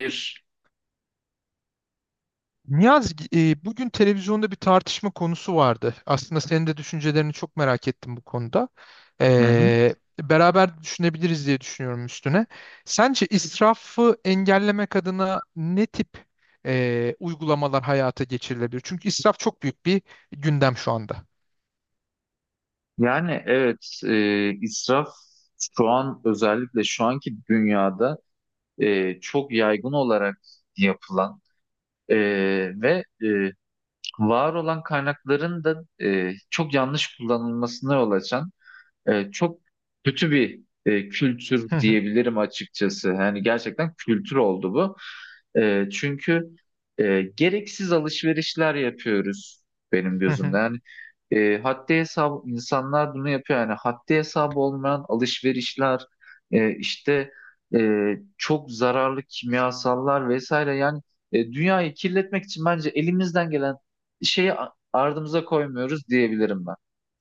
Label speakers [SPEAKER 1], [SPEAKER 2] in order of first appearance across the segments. [SPEAKER 1] Bir.
[SPEAKER 2] Niyaz, bugün televizyonda bir tartışma konusu vardı. Aslında senin de düşüncelerini çok merak ettim bu konuda.
[SPEAKER 1] Hı hı.
[SPEAKER 2] Beraber düşünebiliriz diye düşünüyorum üstüne. Sence israfı engellemek adına ne tip uygulamalar hayata geçirilebilir? Çünkü israf çok büyük bir gündem şu anda.
[SPEAKER 1] İsraf şu an özellikle şu anki dünyada çok yaygın olarak yapılan e, ve var olan kaynakların da çok yanlış kullanılmasına yol açan çok kötü bir kültür
[SPEAKER 2] Hı hı,
[SPEAKER 1] diyebilirim açıkçası. Yani gerçekten kültür oldu bu. Çünkü gereksiz alışverişler yapıyoruz benim
[SPEAKER 2] hı
[SPEAKER 1] gözümde.
[SPEAKER 2] hı.
[SPEAKER 1] Yani haddi hesap insanlar bunu yapıyor. Yani haddi hesabı olmayan alışverişler e, işte e, çok zararlı kimyasallar vesaire. Yani dünyayı kirletmek için bence elimizden gelen şeyi ardımıza koymuyoruz diyebilirim ben.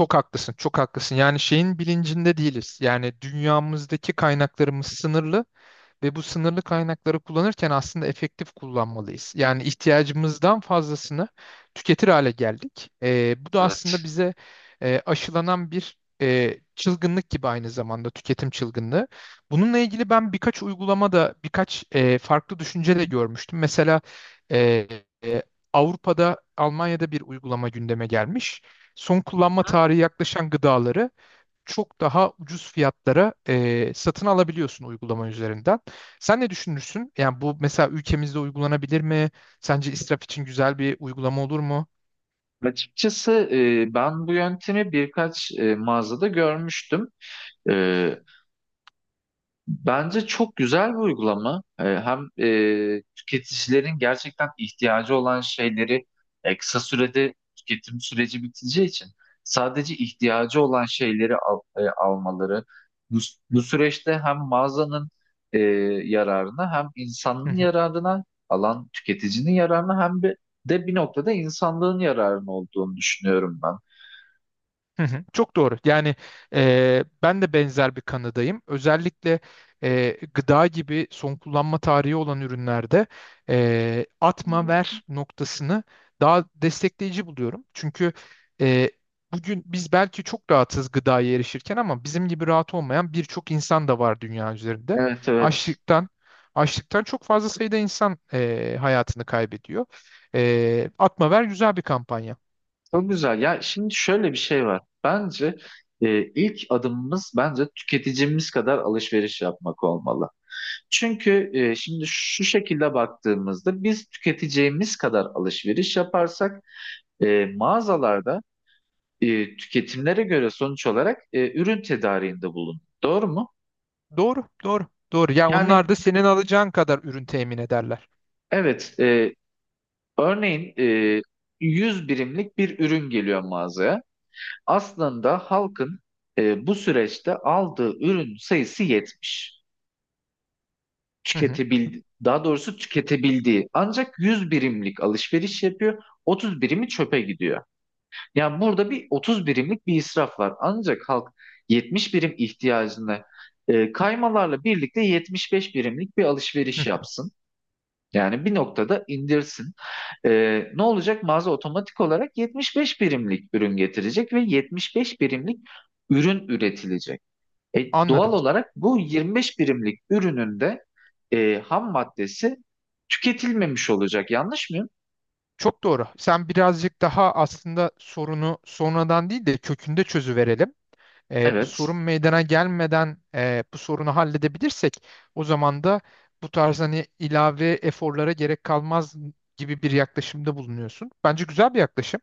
[SPEAKER 2] Çok haklısın, çok haklısın. Yani şeyin bilincinde değiliz. Yani dünyamızdaki kaynaklarımız sınırlı. Ve bu sınırlı kaynakları kullanırken aslında efektif kullanmalıyız. Yani ihtiyacımızdan fazlasını tüketir hale geldik. Bu da aslında
[SPEAKER 1] Evet.
[SPEAKER 2] bize aşılanan bir çılgınlık gibi aynı zamanda tüketim çılgınlığı. Bununla ilgili ben birkaç uygulamada birkaç farklı düşünce de görmüştüm. Mesela e, e, Avrupa'da, Almanya'da bir uygulama gündeme gelmiş. Son kullanma tarihi yaklaşan gıdaları çok daha ucuz fiyatlara satın alabiliyorsun uygulama üzerinden. Sen ne düşünürsün? Yani bu mesela ülkemizde uygulanabilir mi? Sence israf için güzel bir uygulama olur mu?
[SPEAKER 1] Açıkçası ben bu yöntemi birkaç mağazada görmüştüm. E, bence çok güzel bir uygulama. Hem tüketicilerin gerçekten ihtiyacı olan şeyleri, kısa sürede tüketim süreci biteceği için sadece ihtiyacı olan şeyleri almaları bu, bu süreçte hem mağazanın e, yararına hem insanın yararına alan tüketicinin yararına hem de bir noktada insanlığın yararına olduğunu düşünüyorum ben.
[SPEAKER 2] Hı hı, çok doğru. Yani ben de benzer bir kanıdayım. Özellikle gıda gibi son kullanma tarihi olan ürünlerde atma ver noktasını daha destekleyici buluyorum. Çünkü e, bugün biz belki çok rahatız gıdaya erişirken ama bizim gibi rahat olmayan birçok insan da var dünya üzerinde.
[SPEAKER 1] Evet, evet.
[SPEAKER 2] Açlıktan açlıktan çok fazla sayıda insan hayatını kaybediyor. E, atma ver güzel bir kampanya.
[SPEAKER 1] Çok güzel. Ya şimdi şöyle bir şey var. Bence ilk adımımız bence tüketicimiz kadar alışveriş yapmak olmalı. Çünkü şimdi şu şekilde baktığımızda biz tüketeceğimiz kadar alışveriş yaparsak e, mağazalarda tüketimlere göre sonuç olarak ürün tedariğinde bulun. Doğru mu?
[SPEAKER 2] Doğru, doğru, doğru. Ya onlar
[SPEAKER 1] Yani
[SPEAKER 2] da senin alacağın kadar ürün temin ederler.
[SPEAKER 1] evet e, örneğin e, 100 birimlik bir ürün geliyor mağazaya. Aslında halkın bu süreçte aldığı ürün sayısı 70,
[SPEAKER 2] Hı hı,
[SPEAKER 1] tüketebildi, daha doğrusu tüketebildiği ancak 100 birimlik alışveriş yapıyor. Otuz birimi çöpe gidiyor. Yani burada bir 30 birimlik bir israf var. Ancak halk 70 birim ihtiyacını, kaymalarla birlikte 75 birimlik bir alışveriş
[SPEAKER 2] hı.
[SPEAKER 1] yapsın. Yani bir noktada indirsin. Ne olacak? Mağaza otomatik olarak 75 birimlik ürün getirecek ve 75 birimlik ürün üretilecek. E, Doğal
[SPEAKER 2] Anladım.
[SPEAKER 1] olarak bu 25 birimlik ürünün de ham maddesi tüketilmemiş olacak. Yanlış mıyım?
[SPEAKER 2] Çok doğru. Sen birazcık daha aslında sorunu sonradan değil de kökünde çözüverelim. Bu
[SPEAKER 1] Evet.
[SPEAKER 2] sorun meydana gelmeden bu sorunu halledebilirsek o zaman da bu tarz hani ilave eforlara gerek kalmaz gibi bir yaklaşımda bulunuyorsun. Bence güzel bir yaklaşım.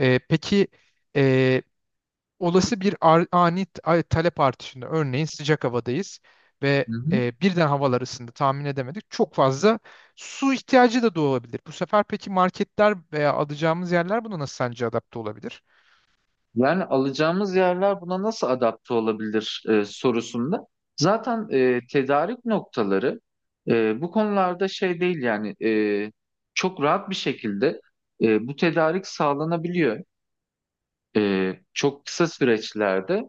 [SPEAKER 2] Peki e, olası bir ani talep artışında örneğin sıcak havadayız ve birden havalar ısındı tahmin edemedik. Çok fazla su ihtiyacı da doğabilir. Bu sefer peki marketler veya alacağımız yerler buna nasıl sence adapte olabilir?
[SPEAKER 1] Yani alacağımız yerler buna nasıl adapte olabilir sorusunda. Zaten tedarik noktaları bu konularda şey değil yani çok rahat bir şekilde, bu tedarik sağlanabiliyor. Çok kısa süreçlerde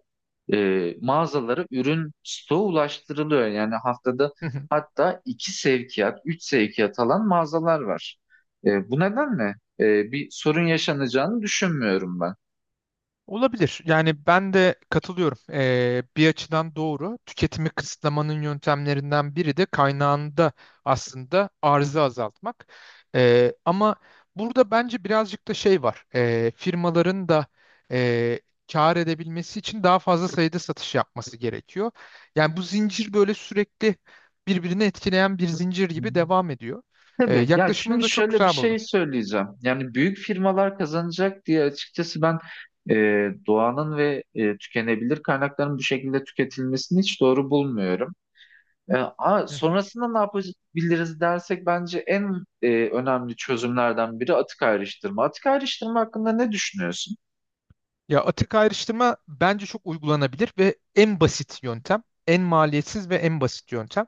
[SPEAKER 1] e, mağazalara ürün stoğu ulaştırılıyor. Yani haftada hatta iki sevkiyat, üç sevkiyat alan mağazalar var. Bu nedenle bir sorun yaşanacağını düşünmüyorum
[SPEAKER 2] Olabilir. Yani ben de katılıyorum. Bir açıdan doğru. Tüketimi kısıtlamanın yöntemlerinden biri de kaynağında aslında arzı azaltmak. Ama burada bence birazcık da şey var. Firmaların da e, kâr edebilmesi için daha fazla sayıda satış yapması gerekiyor. Yani bu zincir böyle sürekli birbirini etkileyen bir zincir gibi
[SPEAKER 1] ben.
[SPEAKER 2] devam ediyor.
[SPEAKER 1] Tabii. Ya
[SPEAKER 2] Yaklaşımını
[SPEAKER 1] şimdi
[SPEAKER 2] da çok
[SPEAKER 1] şöyle bir
[SPEAKER 2] güzel buldum.
[SPEAKER 1] şey söyleyeceğim. Yani büyük firmalar kazanacak diye açıkçası ben e, doğanın ve tükenebilir kaynakların bu şekilde tüketilmesini hiç doğru bulmuyorum. Sonrasında ne yapabiliriz dersek bence en önemli çözümlerden biri atık ayrıştırma. Atık ayrıştırma hakkında ne düşünüyorsun?
[SPEAKER 2] Ya atık ayrıştırma bence çok uygulanabilir ve en basit yöntem, en maliyetsiz ve en basit yöntem.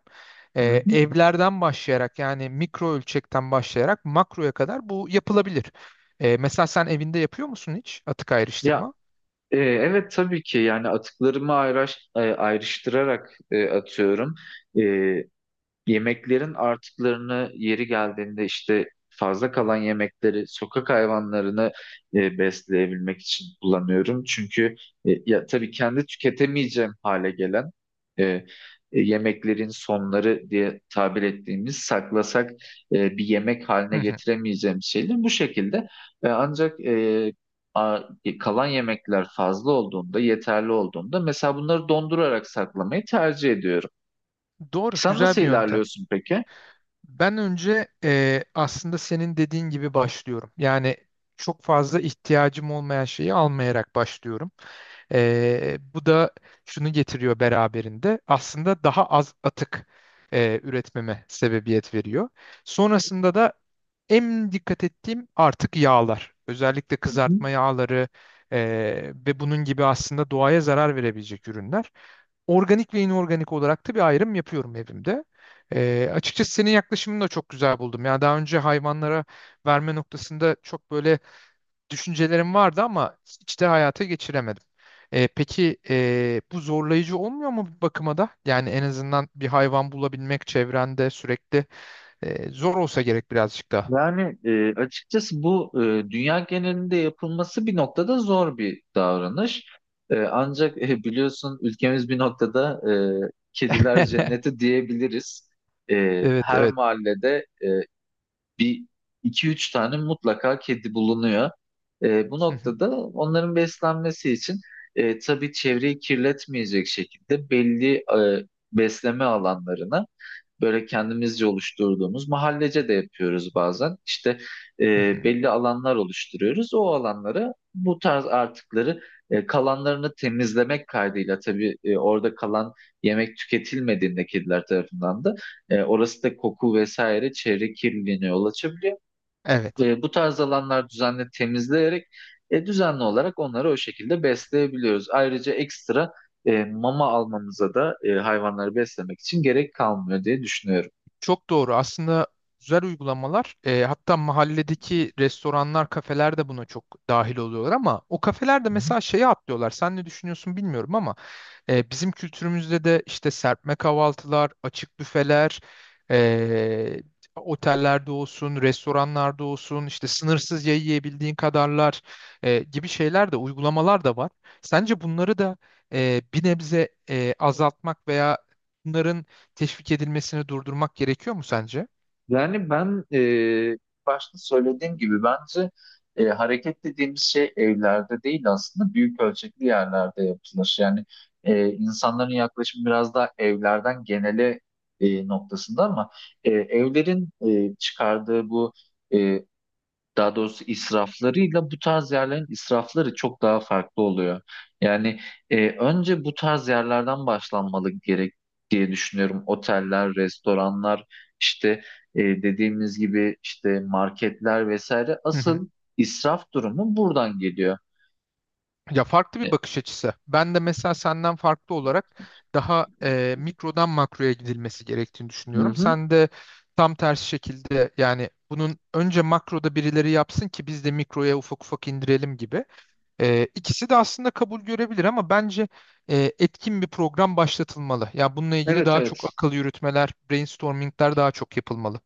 [SPEAKER 1] Hı hı.
[SPEAKER 2] Evlerden başlayarak yani mikro ölçekten başlayarak makroya kadar bu yapılabilir. Mesela sen evinde yapıyor musun hiç atık
[SPEAKER 1] Ya
[SPEAKER 2] ayrıştırma?
[SPEAKER 1] e, evet tabii ki yani atıklarımı ayrıştırarak atıyorum. E, Yemeklerin artıklarını yeri geldiğinde işte fazla kalan yemekleri sokak hayvanlarını besleyebilmek için kullanıyorum. Çünkü ya tabii kendi tüketemeyeceğim hale gelen e, yemeklerin sonları diye tabir ettiğimiz saklasak, bir yemek
[SPEAKER 2] Hı
[SPEAKER 1] haline
[SPEAKER 2] hı.
[SPEAKER 1] getiremeyeceğim şeyler bu şekilde. Ancak kalan yemekler fazla olduğunda, yeterli olduğunda mesela bunları dondurarak saklamayı tercih ediyorum.
[SPEAKER 2] Doğru,
[SPEAKER 1] Sen
[SPEAKER 2] güzel
[SPEAKER 1] nasıl
[SPEAKER 2] bir yöntem.
[SPEAKER 1] ilerliyorsun peki?
[SPEAKER 2] Ben önce aslında senin dediğin gibi başlıyorum. Yani çok fazla ihtiyacım olmayan şeyi almayarak başlıyorum. Bu da şunu getiriyor beraberinde. Aslında daha az atık üretmeme sebebiyet veriyor. Sonrasında da en dikkat ettiğim artık yağlar. Özellikle
[SPEAKER 1] Hı hı.
[SPEAKER 2] kızartma yağları eee, ve bunun gibi aslında doğaya zarar verebilecek ürünler. Organik ve inorganik olarak da bir ayrım yapıyorum evimde. Açıkçası senin yaklaşımını da çok güzel buldum. Yani daha önce hayvanlara verme noktasında çok böyle düşüncelerim vardı ama hiç de hayata geçiremedim. Peki bu zorlayıcı olmuyor mu bir bakıma da? Yani en azından bir hayvan bulabilmek çevrende sürekli zor olsa gerek birazcık daha.
[SPEAKER 1] Yani açıkçası bu dünya genelinde yapılması bir noktada zor bir davranış. Ancak biliyorsun ülkemiz bir noktada kediler cenneti diyebiliriz. E,
[SPEAKER 2] Evet,
[SPEAKER 1] her
[SPEAKER 2] evet.
[SPEAKER 1] mahallede e, bir iki üç tane mutlaka kedi bulunuyor. Bu
[SPEAKER 2] Hı hı,
[SPEAKER 1] noktada onların beslenmesi için, tabii çevreyi kirletmeyecek şekilde belli besleme alanlarına böyle kendimizce oluşturduğumuz mahallece de yapıyoruz bazen. İşte e,
[SPEAKER 2] hı hı.
[SPEAKER 1] belli alanlar oluşturuyoruz. O alanlara bu tarz artıkları, kalanlarını temizlemek kaydıyla tabii, orada kalan yemek tüketilmediğinde kediler tarafından da orası da koku vesaire çevre kirliliğine yol açabiliyor.
[SPEAKER 2] Evet.
[SPEAKER 1] Bu tarz alanlar düzenli temizleyerek düzenli olarak onları o şekilde besleyebiliyoruz. Ayrıca ekstra mama almamıza da hayvanları beslemek için gerek kalmıyor diye düşünüyorum.
[SPEAKER 2] Çok doğru. Aslında güzel uygulamalar. E, hatta mahalledeki restoranlar, kafeler de buna çok dahil oluyorlar ama o kafeler de mesela şeye atlıyorlar. Sen ne düşünüyorsun bilmiyorum ama e, bizim kültürümüzde de işte serpme kahvaltılar, açık büfeler, e, otellerde olsun, restoranlarda olsun, işte sınırsız yiyebildiğin kadarlar gibi şeyler de uygulamalar da var. Sence bunları da bir nebze azaltmak veya bunların teşvik edilmesini durdurmak gerekiyor mu sence?
[SPEAKER 1] Yani başta söylediğim gibi bence hareket dediğimiz şey evlerde değil aslında büyük ölçekli yerlerde yapılır. Yani insanların yaklaşımı biraz daha evlerden genele noktasında ama evlerin çıkardığı bu e, daha doğrusu israflarıyla bu tarz yerlerin israfları çok daha farklı oluyor. Yani önce bu tarz yerlerden başlanmalı gerek diye düşünüyorum. Oteller, restoranlar, işte dediğimiz gibi işte marketler vesaire asıl israf durumu buradan geliyor.
[SPEAKER 2] Ya farklı bir
[SPEAKER 1] E,
[SPEAKER 2] bakış açısı. Ben de mesela senden farklı olarak daha mikrodan makroya gidilmesi gerektiğini
[SPEAKER 1] Hı
[SPEAKER 2] düşünüyorum.
[SPEAKER 1] hı.
[SPEAKER 2] Sen de tam tersi şekilde yani bunun önce makroda birileri yapsın ki biz de mikroya ufak ufak indirelim gibi. E, ikisi de aslında kabul görebilir ama bence etkin bir program başlatılmalı. Ya bununla ilgili
[SPEAKER 1] Evet,
[SPEAKER 2] daha çok
[SPEAKER 1] evet.
[SPEAKER 2] akıl yürütmeler, brainstormingler daha çok yapılmalı.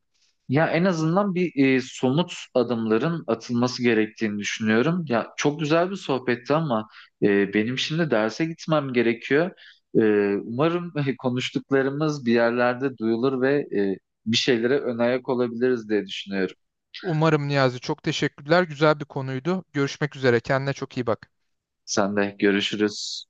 [SPEAKER 1] Ya en azından somut adımların atılması gerektiğini düşünüyorum. Ya çok güzel bir sohbetti ama benim şimdi derse gitmem gerekiyor. E, Umarım konuştuklarımız bir yerlerde duyulur ve bir şeylere ön ayak olabiliriz diye düşünüyorum.
[SPEAKER 2] Umarım Niyazi çok teşekkürler. Güzel bir konuydu. Görüşmek üzere. Kendine çok iyi bak.
[SPEAKER 1] Sen de görüşürüz.